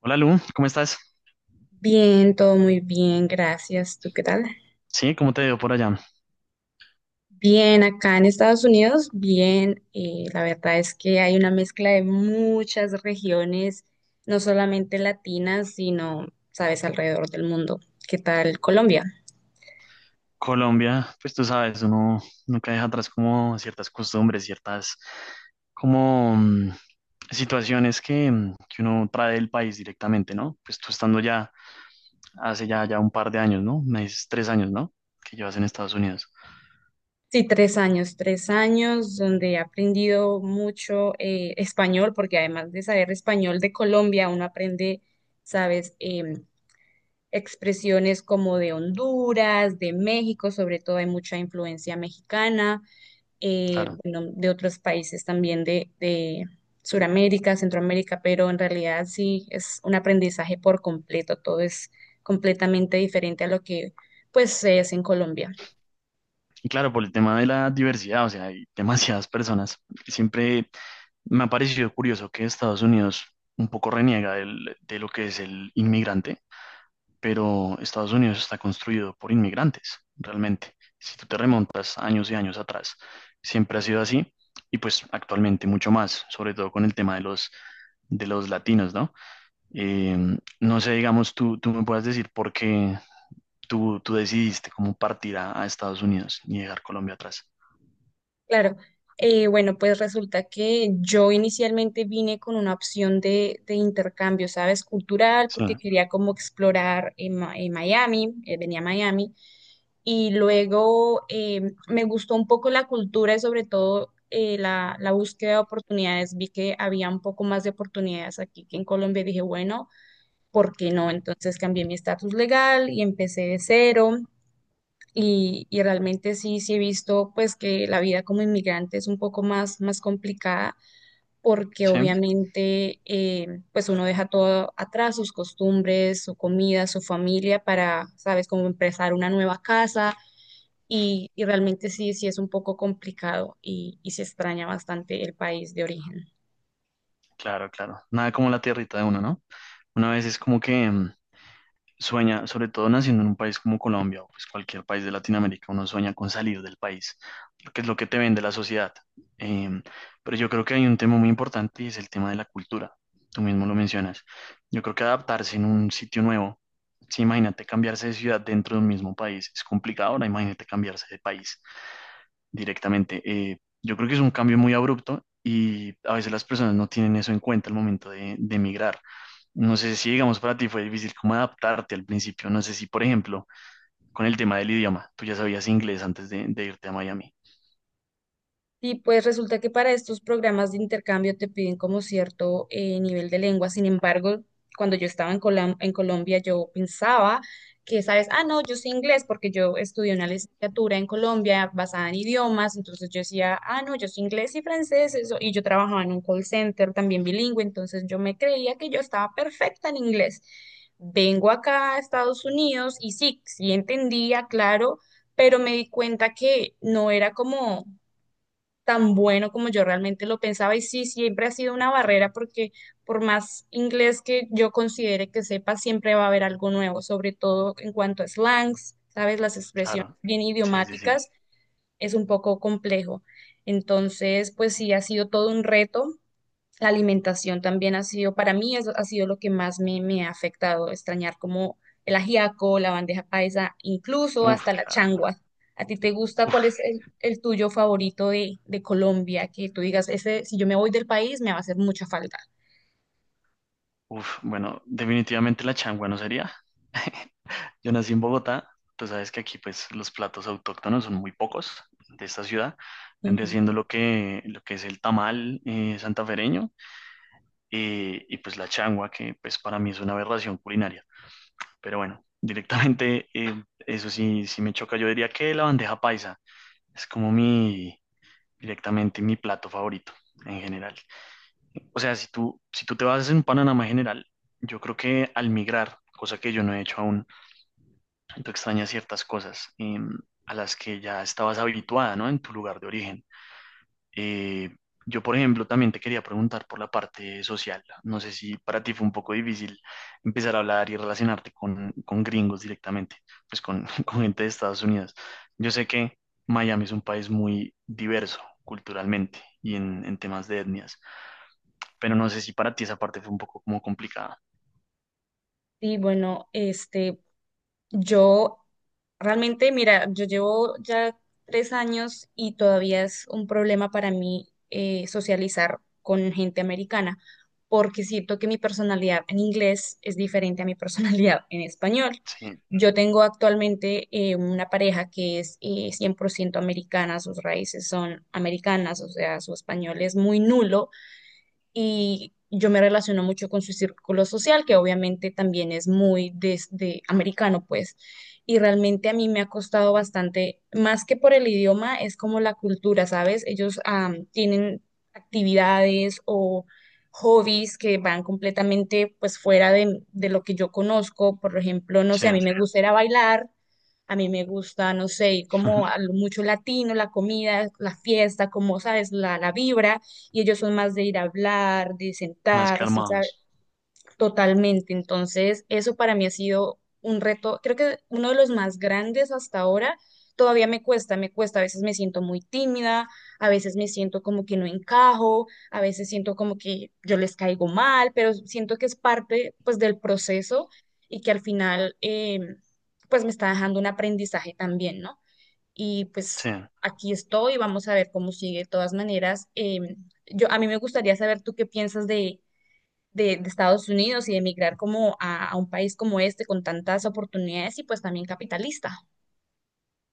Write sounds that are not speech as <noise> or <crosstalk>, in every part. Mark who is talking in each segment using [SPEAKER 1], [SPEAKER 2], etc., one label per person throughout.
[SPEAKER 1] Hola Lu, ¿cómo estás?
[SPEAKER 2] Bien, todo muy bien, gracias. ¿Tú qué tal?
[SPEAKER 1] Sí, ¿cómo te veo por allá?
[SPEAKER 2] Bien, acá en Estados Unidos, bien. La verdad es que hay una mezcla de muchas regiones, no solamente latinas, sino, sabes, alrededor del mundo. ¿Qué tal Colombia?
[SPEAKER 1] Colombia, pues tú sabes, uno nunca deja atrás como ciertas costumbres, ciertas como situaciones que, que uno trae del país directamente, ¿no? Pues tú estando ya hace ya un par de años, ¿no? Me dices 3 años, ¿no? Que llevas en Estados Unidos,
[SPEAKER 2] Sí, 3 años, 3 años donde he aprendido mucho español, porque además de saber español de Colombia, uno aprende, sabes, expresiones como de Honduras, de México, sobre todo hay mucha influencia mexicana,
[SPEAKER 1] claro.
[SPEAKER 2] bueno, de otros países también de Sudamérica, Centroamérica, pero en realidad sí es un aprendizaje por completo, todo es completamente diferente a lo que pues se es en Colombia.
[SPEAKER 1] Y claro, por el tema de la diversidad, o sea, hay <laughs> demasiadas personas. Siempre me ha parecido curioso que Estados Unidos un poco reniega de lo que es el inmigrante, pero Estados Unidos está construido por inmigrantes, realmente. Si tú te remontas años y años atrás, siempre ha sido así y pues actualmente mucho más, sobre todo con el tema de los latinos, ¿no? Eh, no sé, digamos, tú me puedas decir por qué tú decidiste cómo partir a Estados Unidos y dejar Colombia atrás.
[SPEAKER 2] Claro, bueno, pues resulta que yo inicialmente vine con una opción de intercambio, ¿sabes? Cultural,
[SPEAKER 1] Sí,
[SPEAKER 2] porque quería como explorar en Miami, venía a Miami y luego me gustó un poco la cultura y sobre todo la búsqueda de oportunidades. Vi que había un poco más de oportunidades aquí que en Colombia y dije, bueno, ¿por qué no? Entonces cambié mi estatus legal y empecé de cero. Y realmente sí, sí he visto pues que la vida como inmigrante es un poco más, más complicada porque
[SPEAKER 1] sí,
[SPEAKER 2] obviamente pues uno deja todo atrás, sus costumbres, su comida, su familia para, sabes, como empezar una nueva casa y realmente sí, sí es un poco complicado y se extraña bastante el país de origen.
[SPEAKER 1] claro, claro. Nada como la tierrita de uno, ¿no? Una vez es como que... sueña, sobre todo naciendo en un país como Colombia o pues cualquier país de Latinoamérica, uno sueña con salir del país, porque es lo que te vende la sociedad. Em, pero yo creo que hay un tema muy importante y es el tema de la cultura. Tú mismo lo mencionas. Yo creo que adaptarse en un sitio nuevo, si imagínate cambiarse de ciudad dentro de un mismo país, es complicado, ahora imagínate cambiarse de país directamente. Yo creo que es un cambio muy abrupto y a veces las personas no tienen eso en cuenta al momento de emigrar. No sé si, digamos, para ti fue difícil como adaptarte al principio. No sé si, por ejemplo, con el tema del idioma, tú ya sabías inglés antes de irte a Miami.
[SPEAKER 2] Y pues resulta que para estos programas de intercambio te piden como cierto nivel de lengua. Sin embargo, cuando yo estaba en en Colombia, yo pensaba que, sabes, ah, no, yo sé inglés porque yo estudié una licenciatura en Colombia basada en idiomas. Entonces yo decía, ah, no, yo sé inglés y francés. Eso. Y yo trabajaba en un call center también bilingüe. Entonces yo me creía que yo estaba perfecta en inglés. Vengo acá a Estados Unidos y sí, sí entendía, claro, pero me di cuenta que no era como tan bueno como yo realmente lo pensaba. Y sí, siempre ha sido una barrera porque por más inglés que yo considere que sepa, siempre va a haber algo nuevo, sobre todo en cuanto a slangs, ¿sabes? Las expresiones
[SPEAKER 1] Claro.
[SPEAKER 2] bien
[SPEAKER 1] Sí, sí, sí.
[SPEAKER 2] idiomáticas es un poco complejo. Entonces, pues sí, ha sido todo un reto. La alimentación también ha sido, para mí eso ha sido lo que más me ha afectado, extrañar como el ajiaco, la bandeja paisa, incluso
[SPEAKER 1] Uf,
[SPEAKER 2] hasta la
[SPEAKER 1] claro.
[SPEAKER 2] changua. ¿A ti te gusta? ¿Cuál
[SPEAKER 1] Uf,
[SPEAKER 2] es el tuyo favorito de Colombia? Que tú digas, ese, si yo me voy del país, me va a hacer mucha falta.
[SPEAKER 1] uf. Bueno, definitivamente la changua no sería. Yo nací en Bogotá. Tú sabes que aquí, pues, los platos autóctonos son muy pocos de esta ciudad. Vendría
[SPEAKER 2] Ujú.
[SPEAKER 1] siendo lo que es el tamal santafereño y, pues, la changua, que, pues, para mí es una aberración culinaria. Pero bueno, directamente, eso sí, sí me choca. Yo diría que la bandeja paisa es como mi, directamente mi plato favorito en general. O sea, si tú, si tú te vas en un panorama general, yo creo que al migrar, cosa que yo no he hecho aún, tú extrañas ciertas cosas a las que ya estabas habituada, ¿no? En tu lugar de origen. Eh, yo, por ejemplo, también te quería preguntar por la parte social. No sé si para ti fue un poco difícil empezar a hablar y relacionarte con gringos directamente, pues con, <laughs> con gente de Estados Unidos. Yo sé que Miami es un país muy diverso culturalmente y en temas de etnias, pero no sé si para ti esa parte fue un poco como complicada.
[SPEAKER 2] Sí, bueno, yo realmente, mira, yo llevo ya 3 años y todavía es un problema para mí socializar con gente americana, porque siento que mi personalidad en inglés es diferente a mi <laughs> personalidad en español.
[SPEAKER 1] Sí,
[SPEAKER 2] Yo tengo actualmente una pareja que es 100% americana, sus raíces son americanas, o sea, su español es muy nulo y yo me relaciono mucho con su círculo social, que obviamente también es muy de americano, pues. Y realmente a mí me ha costado bastante, más que por el idioma, es como la cultura, ¿sabes? Ellos tienen actividades o hobbies que van completamente pues fuera de lo que yo conozco. Por ejemplo, no
[SPEAKER 1] sí,
[SPEAKER 2] sé, a mí me gusta ir a bailar, a mí me gusta, no sé, ir como
[SPEAKER 1] <laughs>
[SPEAKER 2] a lo mucho latino, la comida, la fiesta, como, ¿sabes? La vibra y ellos son más de ir a hablar, de
[SPEAKER 1] más
[SPEAKER 2] sentarse, ¿sabe?
[SPEAKER 1] calmados.
[SPEAKER 2] Totalmente. Entonces, eso para mí ha sido un reto, creo que uno de los más grandes hasta ahora. Todavía me cuesta, a veces me siento muy tímida, a veces me siento como que no encajo, a veces siento como que yo les caigo mal, pero siento que es parte pues del proceso y que al final pues me está dejando un aprendizaje también, ¿no? Y
[SPEAKER 1] Sí,
[SPEAKER 2] pues aquí estoy, vamos a ver cómo sigue. De todas maneras, a mí me gustaría saber tú qué piensas de Estados Unidos y de emigrar como a un país como este con tantas oportunidades y pues también capitalista.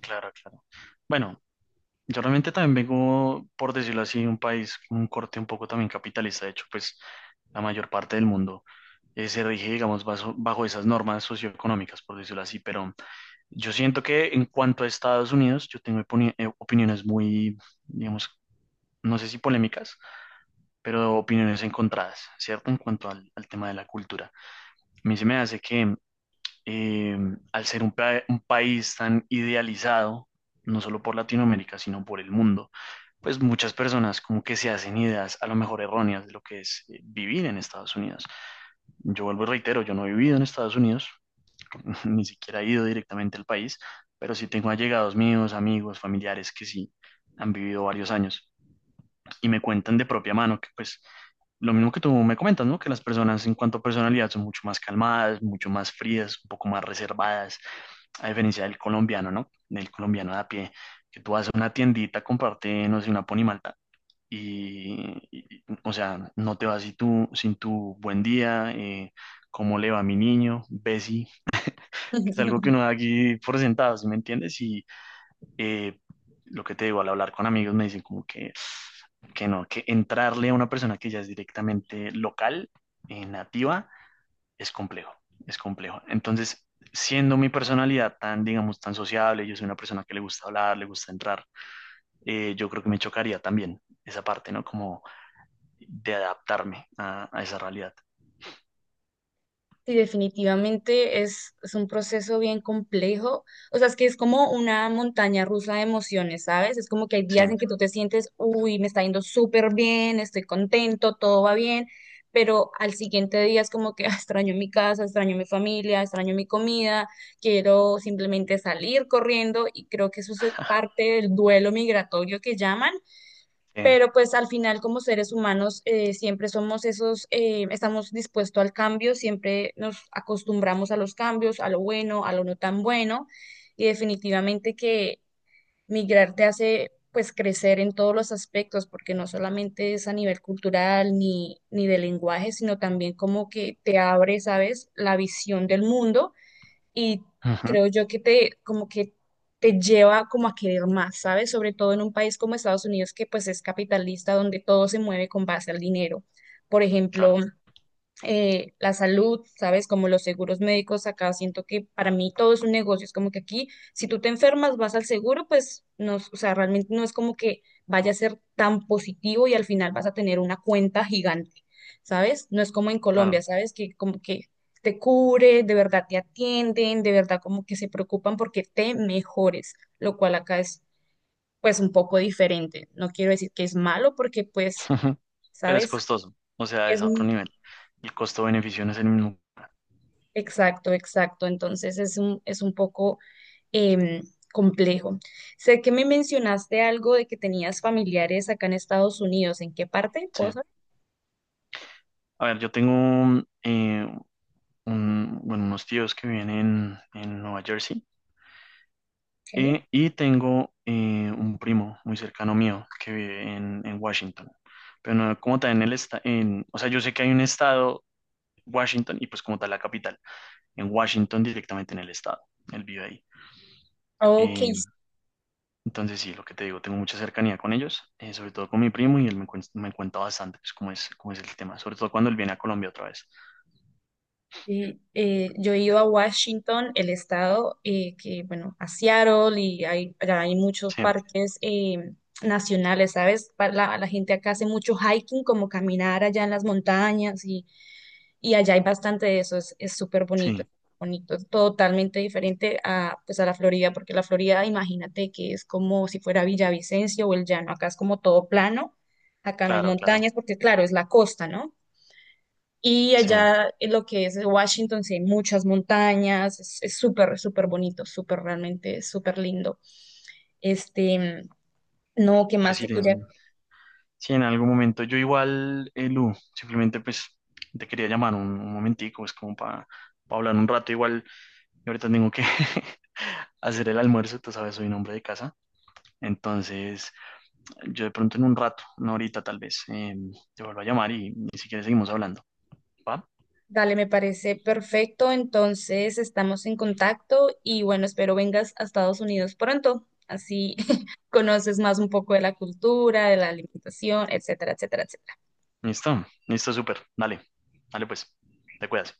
[SPEAKER 1] claro, claro. Bueno, yo realmente también vengo, por decirlo así, de un país con un corte un poco también capitalista. De hecho, pues la mayor parte del mundo se rige, digamos, bajo esas normas socioeconómicas, por decirlo así. Pero yo siento que en cuanto a Estados Unidos, yo tengo opiniones muy, digamos, no sé si polémicas, pero opiniones encontradas, ¿cierto? En cuanto al, al tema de la cultura. A mí se me hace que eh, al ser un país tan idealizado, no solo por Latinoamérica, sino por el mundo, pues muchas personas como que se hacen ideas a lo mejor erróneas de lo que es vivir en Estados Unidos. Yo vuelvo y reitero, yo no he vivido en Estados Unidos, <laughs> ni siquiera he ido directamente al país, pero sí tengo allegados míos, amigos, familiares que sí han vivido varios años y me cuentan de propia mano que pues lo mismo que tú me comentas, ¿no? Que las personas en cuanto a personalidad son mucho más calmadas, mucho más frías, un poco más reservadas, a diferencia del colombiano, ¿no? Del colombiano de a pie, que tú vas a una tiendita, comparte, no sé, una ponimalta y, o sea, no te vas sin tu, sin tu buen día, cómo le va a mi niño, Bessie, que es algo que
[SPEAKER 2] <laughs>
[SPEAKER 1] uno da aquí por sentado, ¿sí me entiendes? Y eh, lo que te digo, al hablar con amigos me dicen como que no, que entrarle a una persona que ya es directamente local, nativa, es complejo, es complejo. Entonces, siendo mi personalidad tan, digamos, tan sociable, yo soy una persona que le gusta hablar, le gusta entrar, yo creo que me chocaría también esa parte, ¿no? Como de adaptarme a esa realidad.
[SPEAKER 2] Sí, definitivamente es un proceso bien complejo. O sea, es que es como una montaña rusa de emociones, ¿sabes? Es como que hay
[SPEAKER 1] Sí,
[SPEAKER 2] días en que tú te sientes, uy, me está yendo súper bien, estoy contento, todo va bien, pero al siguiente día es como que <laughs> "Ah, extraño mi casa, extraño mi familia, extraño mi comida, quiero simplemente salir corriendo" y creo que eso es parte del duelo migratorio que llaman.
[SPEAKER 1] sí.
[SPEAKER 2] Pero pues al final como seres humanos siempre somos esos, estamos dispuestos al cambio, siempre nos acostumbramos a los cambios, a lo bueno, a lo no tan bueno, y definitivamente que migrar te hace pues crecer en todos los aspectos, porque no solamente es a nivel cultural ni de lenguaje, sino también como que te abre, ¿sabes?, la visión del mundo y
[SPEAKER 1] Ujú,
[SPEAKER 2] creo yo que te como que te lleva como a querer más, ¿sabes? Sobre todo en un país como Estados Unidos que pues es capitalista donde todo se mueve con base al dinero. Por ejemplo,
[SPEAKER 1] claro,
[SPEAKER 2] la salud, ¿sabes? Como los seguros médicos acá, siento que para mí todo es un negocio, es como que aquí, si tú te enfermas, vas al seguro, pues no, o sea, realmente no es como que vaya a ser tan positivo y al final vas a tener una cuenta gigante, ¿sabes? No es como en Colombia,
[SPEAKER 1] claro.
[SPEAKER 2] ¿sabes? Que como que te cubre, de verdad te atienden, de verdad como que se preocupan porque te mejores, lo cual acá es pues un poco diferente. No quiero decir que es malo porque pues,
[SPEAKER 1] <laughs> Pero es
[SPEAKER 2] ¿sabes?
[SPEAKER 1] costoso, o sea, es
[SPEAKER 2] Es
[SPEAKER 1] a otro nivel. El costo-beneficio no es el mismo.
[SPEAKER 2] Exacto, exacto. Entonces es un poco em, complejo. Sé que me mencionaste algo de que tenías familiares acá en Estados Unidos. ¿En qué parte?
[SPEAKER 1] Sí.
[SPEAKER 2] ¿Puedo saber?
[SPEAKER 1] A ver, yo tengo un- bueno, unos tíos que viven en Nueva Jersey.
[SPEAKER 2] Ok.
[SPEAKER 1] Y tengo un primo muy cercano mío que vive en Washington, pero no, como tal en el estado, en, o sea, yo sé que hay un estado, Washington, y pues como tal la capital, en Washington directamente en el estado, él vive ahí.
[SPEAKER 2] Ok,
[SPEAKER 1] Eh, entonces sí, lo que te digo, tengo mucha cercanía con ellos, sobre todo con mi primo, y él me, me cuenta bastante pues, cómo es el tema, sobre todo cuando él viene a Colombia otra vez.
[SPEAKER 2] sí, yo he ido a Washington, el estado, que bueno, a Seattle y allá hay muchos
[SPEAKER 1] Sí,
[SPEAKER 2] parques nacionales, ¿sabes? La gente acá hace mucho hiking, como caminar allá en las montañas y allá hay bastante de eso, es súper bonito,
[SPEAKER 1] sí,
[SPEAKER 2] bonito, es totalmente diferente pues a la Florida, porque la Florida, imagínate que es como si fuera Villavicencio o el llano, acá es como todo plano, acá no hay
[SPEAKER 1] claro, claro,
[SPEAKER 2] montañas, porque claro, es la costa, ¿no? Y
[SPEAKER 1] sí,
[SPEAKER 2] allá en lo que es Washington, sí hay muchas montañas, es súper, súper bonito, súper realmente, súper lindo. Este, no, ¿qué
[SPEAKER 1] pues
[SPEAKER 2] más
[SPEAKER 1] sí,
[SPEAKER 2] te
[SPEAKER 1] tiene-
[SPEAKER 2] quería?
[SPEAKER 1] Sí, en algún momento. Yo igual, Lu, simplemente pues te quería llamar un momentico, es como para hablar un rato. Igual, yo ahorita tengo que <laughs> hacer el almuerzo, tú sabes, soy un hombre de casa. Entonces, yo de pronto en un rato, una horita tal vez, te vuelvo a llamar y si quieres seguimos hablando. ¿Va?
[SPEAKER 2] Dale, me parece perfecto. Entonces estamos en contacto y bueno, espero vengas a Estados Unidos pronto. Así <laughs> conoces más un poco de la cultura, de la alimentación, etcétera, etcétera, etcétera.
[SPEAKER 1] Listo, listo, súper. Dale, dale pues, te cuidas.